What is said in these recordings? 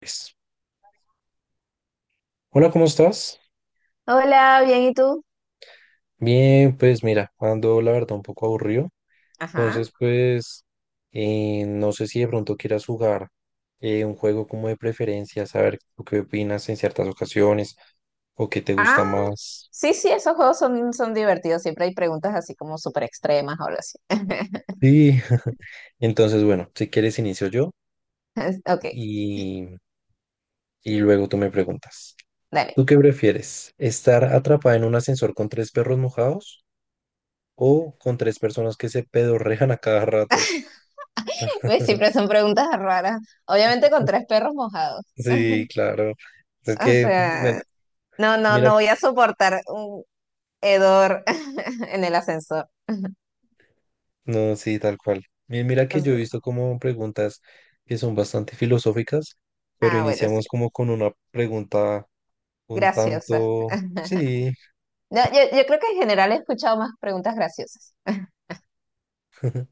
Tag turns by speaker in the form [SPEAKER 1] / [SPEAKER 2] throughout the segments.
[SPEAKER 1] Pues, hola, ¿cómo estás?
[SPEAKER 2] Hola, bien, ¿y tú?
[SPEAKER 1] Bien, pues mira, ando la verdad un poco aburrido.
[SPEAKER 2] Ajá.
[SPEAKER 1] Entonces, pues, no sé si de pronto quieras jugar un juego como de preferencia, saber tú qué opinas en ciertas ocasiones o qué te
[SPEAKER 2] Ah,
[SPEAKER 1] gusta más.
[SPEAKER 2] sí, sí, esos juegos son divertidos. Siempre hay preguntas así como súper extremas o algo así.
[SPEAKER 1] Sí. Entonces, bueno, si quieres inicio yo
[SPEAKER 2] Ok,
[SPEAKER 1] y, y luego tú me preguntas.
[SPEAKER 2] dale.
[SPEAKER 1] ¿Tú qué prefieres? ¿Estar atrapada en un ascensor con tres perros mojados o con tres personas que se pedorrejan a cada rato?
[SPEAKER 2] Ve, siempre son preguntas raras. Obviamente con tres perros mojados.
[SPEAKER 1] Sí, claro. Es
[SPEAKER 2] O
[SPEAKER 1] que, mira,
[SPEAKER 2] sea, no,
[SPEAKER 1] mira,
[SPEAKER 2] no voy a soportar un hedor en el ascensor.
[SPEAKER 1] no, sí, tal cual. Mira
[SPEAKER 2] O
[SPEAKER 1] que yo he
[SPEAKER 2] sea,
[SPEAKER 1] visto como preguntas que son bastante filosóficas, pero
[SPEAKER 2] ah, bueno, sí.
[SPEAKER 1] iniciamos como con una pregunta un
[SPEAKER 2] Graciosa.
[SPEAKER 1] tanto, sí.
[SPEAKER 2] No, yo creo que en general he escuchado más preguntas graciosas.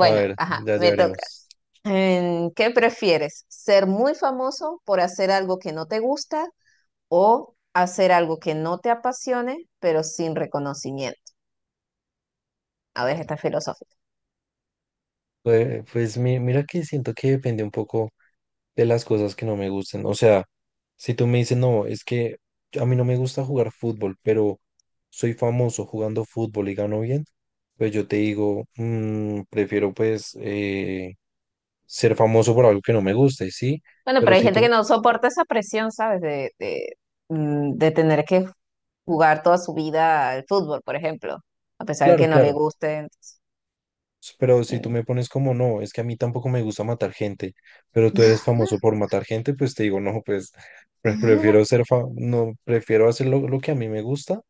[SPEAKER 1] A ver,
[SPEAKER 2] ajá,
[SPEAKER 1] ya, ya
[SPEAKER 2] me toca.
[SPEAKER 1] veremos.
[SPEAKER 2] ¿Qué prefieres? ¿Ser muy famoso por hacer algo que no te gusta, o hacer algo que no te apasione, pero sin reconocimiento? A ver, está filosófica.
[SPEAKER 1] Pues, mira que siento que depende un poco de las cosas que no me gustan. O sea, si tú me dices, no, es que a mí no me gusta jugar fútbol, pero soy famoso jugando fútbol y gano bien, pues yo te digo: prefiero pues ser famoso por algo que no me guste, ¿sí?".
[SPEAKER 2] Bueno,
[SPEAKER 1] Pero
[SPEAKER 2] pero hay
[SPEAKER 1] si
[SPEAKER 2] gente que
[SPEAKER 1] tú,
[SPEAKER 2] no soporta esa presión, ¿sabes? De tener que jugar toda su vida al fútbol, por ejemplo, a pesar de que
[SPEAKER 1] claro,
[SPEAKER 2] no le
[SPEAKER 1] claro,
[SPEAKER 2] guste. Entonces,
[SPEAKER 1] pero si tú
[SPEAKER 2] eh.
[SPEAKER 1] me pones como, no, es que a mí tampoco me gusta matar gente, pero tú eres famoso por matar gente, pues te digo, no, pues prefiero ser, no, prefiero hacer lo que a mí me gusta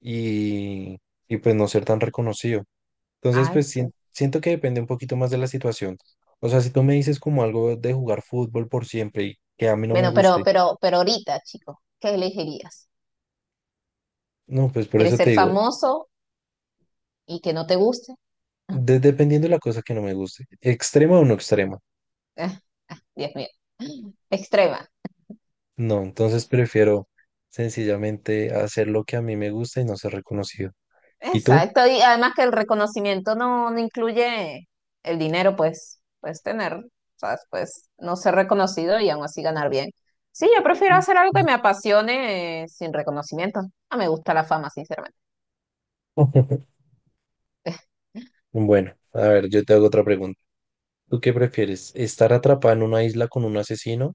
[SPEAKER 1] y, y pues no ser tan reconocido. Entonces,
[SPEAKER 2] Ay,
[SPEAKER 1] pues
[SPEAKER 2] sí.
[SPEAKER 1] siento que depende un poquito más de la situación. O sea, si tú me dices como algo de jugar fútbol por siempre y que a mí no me
[SPEAKER 2] Bueno, pero,
[SPEAKER 1] guste,
[SPEAKER 2] pero, pero ahorita, chico, ¿qué elegirías?
[SPEAKER 1] no, pues por
[SPEAKER 2] ¿Quieres
[SPEAKER 1] eso te
[SPEAKER 2] ser
[SPEAKER 1] digo,
[SPEAKER 2] famoso y que no te guste?
[SPEAKER 1] dependiendo de la cosa que no me guste, extrema o no extrema.
[SPEAKER 2] Dios mío, extrema.
[SPEAKER 1] No, entonces prefiero sencillamente hacer lo que a mí me gusta y no ser reconocido. ¿Y tú?
[SPEAKER 2] Exacto, y además que el reconocimiento no incluye el dinero, pues puedes tener, ¿sabes? Pues no ser reconocido y aún así ganar bien. Sí, yo prefiero
[SPEAKER 1] Mm.
[SPEAKER 2] hacer algo que me apasione sin reconocimiento. No me gusta la fama, sinceramente.
[SPEAKER 1] Bueno, a ver, yo te hago otra pregunta. ¿Tú qué prefieres? ¿Estar atrapada en una isla con un asesino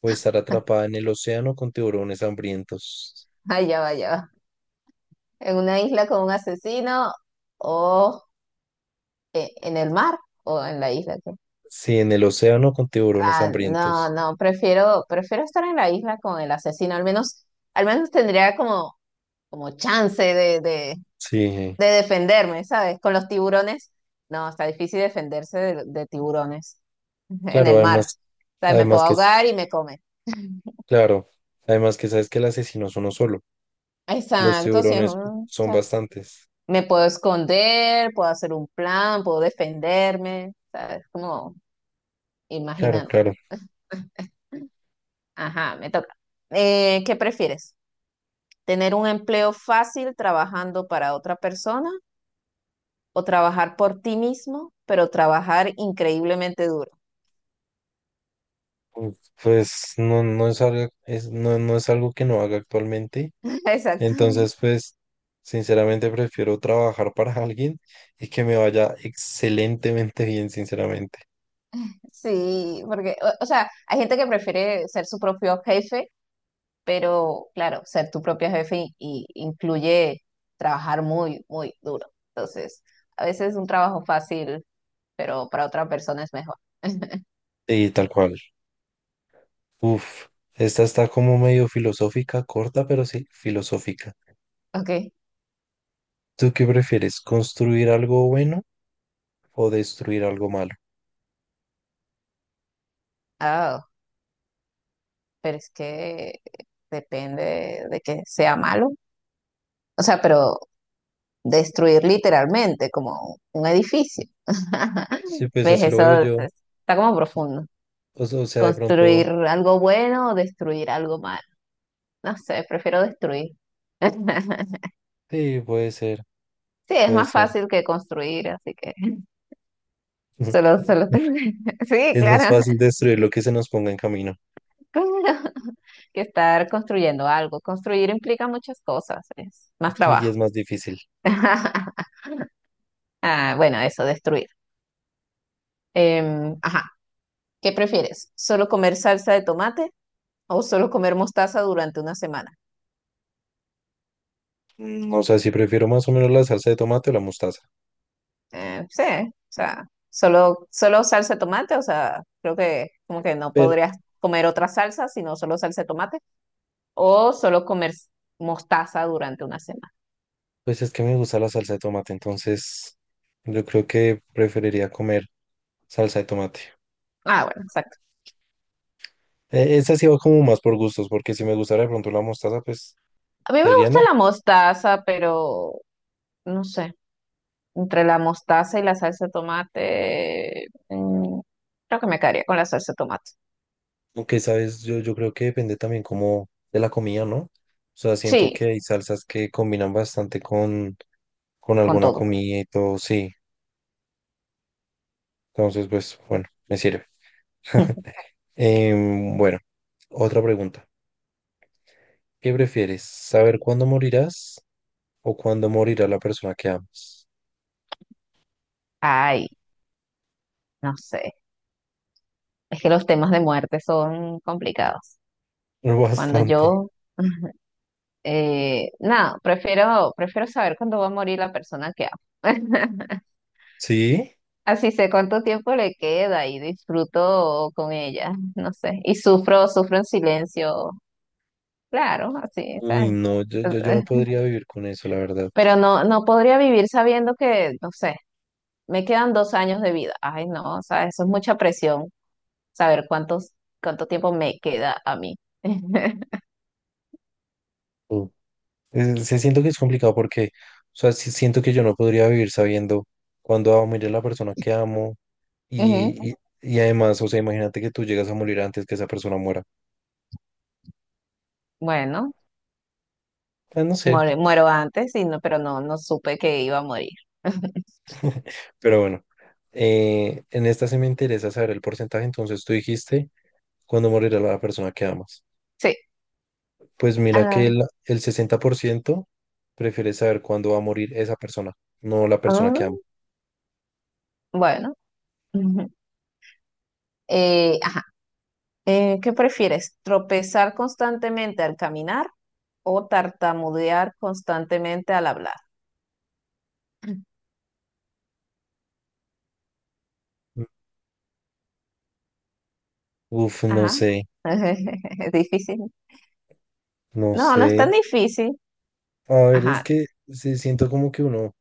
[SPEAKER 1] o estar atrapada en el océano con tiburones hambrientos?
[SPEAKER 2] Ay, ya va, ya va. En una isla con un asesino, o en el mar o en la isla. ¿Qué?
[SPEAKER 1] Sí, en el océano con tiburones
[SPEAKER 2] Ah, no,
[SPEAKER 1] hambrientos.
[SPEAKER 2] no, prefiero estar en la isla con el asesino. Al menos tendría como como chance
[SPEAKER 1] Sí,
[SPEAKER 2] de defenderme, ¿sabes? Con los tiburones, no, está difícil defenderse de tiburones en
[SPEAKER 1] claro,
[SPEAKER 2] el mar.
[SPEAKER 1] además,
[SPEAKER 2] O sea, me puedo
[SPEAKER 1] además que, es-
[SPEAKER 2] ahogar y me come.
[SPEAKER 1] claro, además que sabes que el asesino es uno solo. Los
[SPEAKER 2] Exacto, sí, es un-
[SPEAKER 1] tiburones
[SPEAKER 2] o
[SPEAKER 1] son
[SPEAKER 2] sea,
[SPEAKER 1] bastantes.
[SPEAKER 2] me puedo esconder, puedo hacer un plan, puedo defenderme, ¿sabes? Como
[SPEAKER 1] Claro,
[SPEAKER 2] imaginando.
[SPEAKER 1] claro.
[SPEAKER 2] Ajá, me toca. ¿Qué prefieres? ¿Tener un empleo fácil trabajando para otra persona o trabajar por ti mismo, pero trabajar increíblemente duro?
[SPEAKER 1] Uf, pues no, no es algo, no, no es algo que no haga actualmente.
[SPEAKER 2] Exacto.
[SPEAKER 1] Entonces, pues, sinceramente prefiero trabajar para alguien y que me vaya excelentemente bien, sinceramente.
[SPEAKER 2] Sí, porque, o sea, hay gente que prefiere ser su propio jefe, pero claro, ser tu propio jefe incluye trabajar muy duro. Entonces, a veces es un trabajo fácil, pero para otra persona es mejor.
[SPEAKER 1] Y tal cual. Uf, esta está como medio filosófica, corta, pero sí, filosófica.
[SPEAKER 2] Ok,
[SPEAKER 1] ¿Tú qué prefieres, construir algo bueno o destruir algo malo?
[SPEAKER 2] ah, pero es que depende de que sea malo. O sea, pero destruir literalmente como un edificio.
[SPEAKER 1] Sí, pues
[SPEAKER 2] ¿Ves?
[SPEAKER 1] así lo veo
[SPEAKER 2] Eso
[SPEAKER 1] yo.
[SPEAKER 2] es- está como profundo.
[SPEAKER 1] O sea, de
[SPEAKER 2] Construir
[SPEAKER 1] pronto,
[SPEAKER 2] algo bueno o destruir algo malo. No sé, prefiero destruir.
[SPEAKER 1] sí, puede ser,
[SPEAKER 2] Sí, es
[SPEAKER 1] puede
[SPEAKER 2] más
[SPEAKER 1] ser.
[SPEAKER 2] fácil que construir, así que solo, solo tengo- Sí,
[SPEAKER 1] Es más
[SPEAKER 2] claro,
[SPEAKER 1] fácil destruir lo que se nos ponga en camino
[SPEAKER 2] claro, que estar construyendo algo. Construir implica muchas cosas, es más
[SPEAKER 1] y
[SPEAKER 2] trabajo.
[SPEAKER 1] es más difícil.
[SPEAKER 2] Ah, bueno, eso, destruir. Ajá, ¿qué prefieres? ¿Solo comer salsa de tomate o solo comer mostaza durante una semana?
[SPEAKER 1] O sea, si prefiero más o menos la salsa de tomate o la mostaza.
[SPEAKER 2] Sí, o sea, solo salsa de tomate, o sea, creo que como que no
[SPEAKER 1] Pero,
[SPEAKER 2] podrías comer otra salsa, sino solo salsa de tomate. O solo comer mostaza durante una semana.
[SPEAKER 1] pues es que me gusta la salsa de tomate, entonces yo creo que preferiría comer salsa de tomate.
[SPEAKER 2] Ah, bueno, exacto.
[SPEAKER 1] Esa sí va como más por gustos, porque si me gustara de pronto la mostaza, pues
[SPEAKER 2] A mí
[SPEAKER 1] te
[SPEAKER 2] me
[SPEAKER 1] diría,
[SPEAKER 2] gusta
[SPEAKER 1] no.
[SPEAKER 2] la mostaza, pero no sé, entre la mostaza y la salsa de tomate, creo que me quedaría con la salsa de tomate.
[SPEAKER 1] Aunque, sabes, yo creo que depende también como de la comida, ¿no? O sea, siento
[SPEAKER 2] Sí,
[SPEAKER 1] que hay salsas que combinan bastante con
[SPEAKER 2] con
[SPEAKER 1] alguna
[SPEAKER 2] todo.
[SPEAKER 1] comida y todo, sí. Entonces, pues, bueno, me sirve. Bueno, otra pregunta. ¿Qué prefieres? ¿Saber cuándo morirás o cuándo morirá la persona que amas?
[SPEAKER 2] Ay, no sé. Es que los temas de muerte son complicados. Cuando
[SPEAKER 1] Bastante.
[SPEAKER 2] yo, nada, prefiero saber cuándo va a morir la persona que amo.
[SPEAKER 1] ¿Sí?
[SPEAKER 2] Así sé cuánto tiempo le queda y disfruto con ella, no sé. Y sufro, sufro en silencio, claro, así,
[SPEAKER 1] Uy,
[SPEAKER 2] ¿sabes?
[SPEAKER 1] no, yo, yo, yo no
[SPEAKER 2] Eh,
[SPEAKER 1] podría vivir con eso, la verdad.
[SPEAKER 2] pero no, no podría vivir sabiendo que, no sé, me quedan 2 años de vida. Ay, no, o sea, eso es mucha presión, saber cuántos, cuánto tiempo me queda a mí.
[SPEAKER 1] Mm. Se siento que es complicado porque, o sea, sí siento que yo no podría vivir sabiendo cuándo va a morir la persona que amo.
[SPEAKER 2] Ujú,
[SPEAKER 1] Y, y, y además, o sea, imagínate que tú llegas a morir antes que esa persona muera.
[SPEAKER 2] bueno,
[SPEAKER 1] Ah, no sé,
[SPEAKER 2] muero antes, y no, pero no, no supe que iba a morir.
[SPEAKER 1] pero bueno. En esta sí me interesa saber el porcentaje, entonces tú dijiste cuándo morirá la persona que amas.
[SPEAKER 2] Sí.
[SPEAKER 1] Pues mira
[SPEAKER 2] Ah,
[SPEAKER 1] que el 60% prefiere saber cuándo va a morir esa persona, no la persona que
[SPEAKER 2] ah,
[SPEAKER 1] ama.
[SPEAKER 2] bueno. Ujú. Ajá. ¿Qué prefieres? ¿Tropezar constantemente al caminar o tartamudear constantemente al hablar?
[SPEAKER 1] Mm. Uf, no
[SPEAKER 2] Ajá.
[SPEAKER 1] sé,
[SPEAKER 2] Es difícil.
[SPEAKER 1] no
[SPEAKER 2] No, no es tan
[SPEAKER 1] sé.
[SPEAKER 2] difícil.
[SPEAKER 1] A ver, es
[SPEAKER 2] Ajá,
[SPEAKER 1] que se siento como que uno,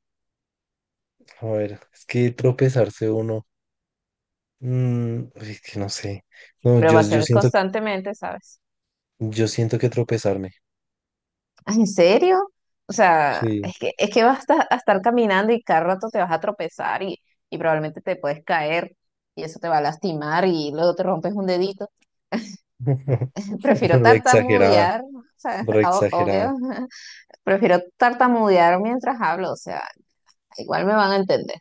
[SPEAKER 1] a ver, es que tropezarse uno, uy, es que no sé. No,
[SPEAKER 2] pero va a ser constantemente, ¿sabes?
[SPEAKER 1] Yo siento que tropezarme.
[SPEAKER 2] Ah, ¿en serio? O sea,
[SPEAKER 1] Sí.
[SPEAKER 2] es que vas a estar caminando y cada rato te vas a tropezar y probablemente te puedes caer y eso te va a lastimar y luego te rompes un dedito. Prefiero
[SPEAKER 1] Re exagerada,
[SPEAKER 2] tartamudear, o sea,
[SPEAKER 1] re
[SPEAKER 2] o-
[SPEAKER 1] exagerada.
[SPEAKER 2] obvio. Prefiero tartamudear mientras hablo, o sea, igual me van a entender.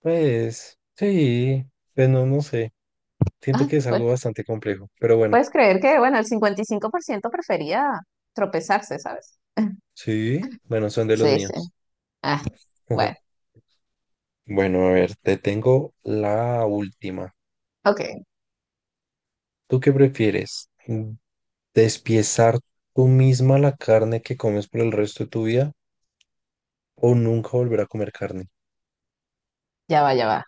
[SPEAKER 1] Pues, sí, pues no, no sé. Siento
[SPEAKER 2] Ay,
[SPEAKER 1] que es algo
[SPEAKER 2] pues,
[SPEAKER 1] bastante complejo, pero bueno,
[SPEAKER 2] puedes creer que, bueno, el 55% prefería tropezarse, ¿sabes?
[SPEAKER 1] sí, bueno, son de los
[SPEAKER 2] Sí, sí.
[SPEAKER 1] míos.
[SPEAKER 2] Ah, bueno,
[SPEAKER 1] Bueno, a ver, te tengo la última.
[SPEAKER 2] ok,
[SPEAKER 1] ¿Tú qué prefieres? ¿Despiezar tú misma la carne que comes por el resto de tu vida o nunca volver a comer carne?
[SPEAKER 2] ya va, ya va.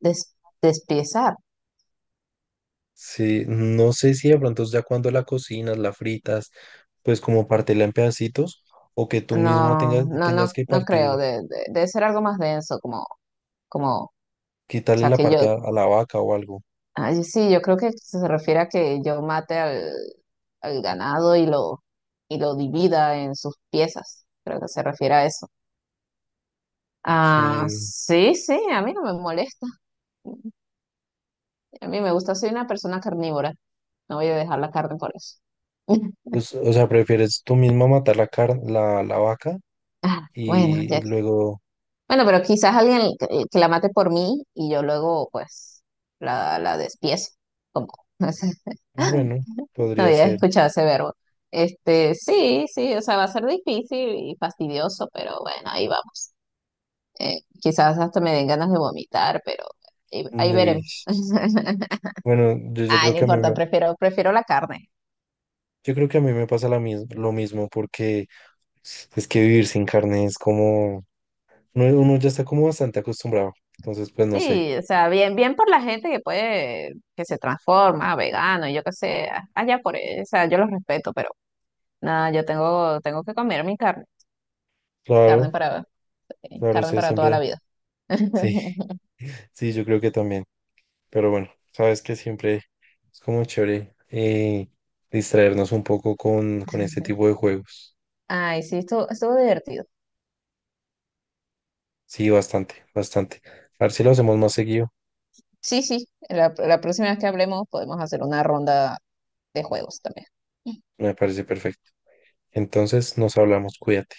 [SPEAKER 2] Des- despiezar.
[SPEAKER 1] Sí, no sé si de pronto ya cuando la cocinas, la fritas, pues como partirla en pedacitos o que tú misma
[SPEAKER 2] No,
[SPEAKER 1] tengas,
[SPEAKER 2] no, no,
[SPEAKER 1] tengas que
[SPEAKER 2] no creo.
[SPEAKER 1] partir,
[SPEAKER 2] De- debe ser algo más denso, como, como, o
[SPEAKER 1] quitarle
[SPEAKER 2] sea,
[SPEAKER 1] la
[SPEAKER 2] que
[SPEAKER 1] parte
[SPEAKER 2] yo,
[SPEAKER 1] a la vaca o algo.
[SPEAKER 2] ay, sí, yo creo que se refiere a que yo mate al, al ganado y lo divida en sus piezas. Creo que se refiere a eso. Ah,
[SPEAKER 1] Sí,
[SPEAKER 2] sí, sí, a mí no me molesta. A mí me gusta, soy una persona carnívora. No voy a dejar la carne por eso.
[SPEAKER 1] pues, o sea, prefieres tú misma matar la carne, la vaca
[SPEAKER 2] Ah, bueno,
[SPEAKER 1] y
[SPEAKER 2] ya.
[SPEAKER 1] luego,
[SPEAKER 2] Bueno, pero quizás alguien que la mate por mí y yo luego, pues, la despiezo. Como, no sé,
[SPEAKER 1] bueno,
[SPEAKER 2] no
[SPEAKER 1] podría
[SPEAKER 2] había
[SPEAKER 1] ser.
[SPEAKER 2] escuchado ese verbo. Este, sí, sí, o sea, va a ser difícil y fastidioso, pero bueno, ahí vamos. Quizás hasta me den ganas de vomitar, pero ahí, ahí
[SPEAKER 1] Uy,
[SPEAKER 2] veremos.
[SPEAKER 1] bueno,
[SPEAKER 2] Ay, no importa, prefiero la carne.
[SPEAKER 1] yo creo que a mí me pasa la lo mismo porque es que vivir sin carne es como, uno ya está como bastante acostumbrado, entonces pues no sé.
[SPEAKER 2] Sí, o sea, bien, bien por la gente que puede, que se transforma, vegano, y yo qué sé, a- allá por él, o sea, yo los respeto, pero nada, yo tengo, tengo que comer mi carne, carne
[SPEAKER 1] Claro.
[SPEAKER 2] para,
[SPEAKER 1] Claro,
[SPEAKER 2] carne
[SPEAKER 1] usted
[SPEAKER 2] para toda la
[SPEAKER 1] siempre,
[SPEAKER 2] vida.
[SPEAKER 1] sí, sí, yo creo que también. Pero bueno, sabes que siempre es como chévere distraernos un poco con este tipo de juegos.
[SPEAKER 2] Ay, sí, estuvo, estuvo divertido.
[SPEAKER 1] Sí, bastante, bastante. A ver si lo hacemos más seguido,
[SPEAKER 2] Sí, sí, la próxima vez que hablemos podemos hacer una ronda de juegos también.
[SPEAKER 1] me parece perfecto. Entonces, nos hablamos, cuídate.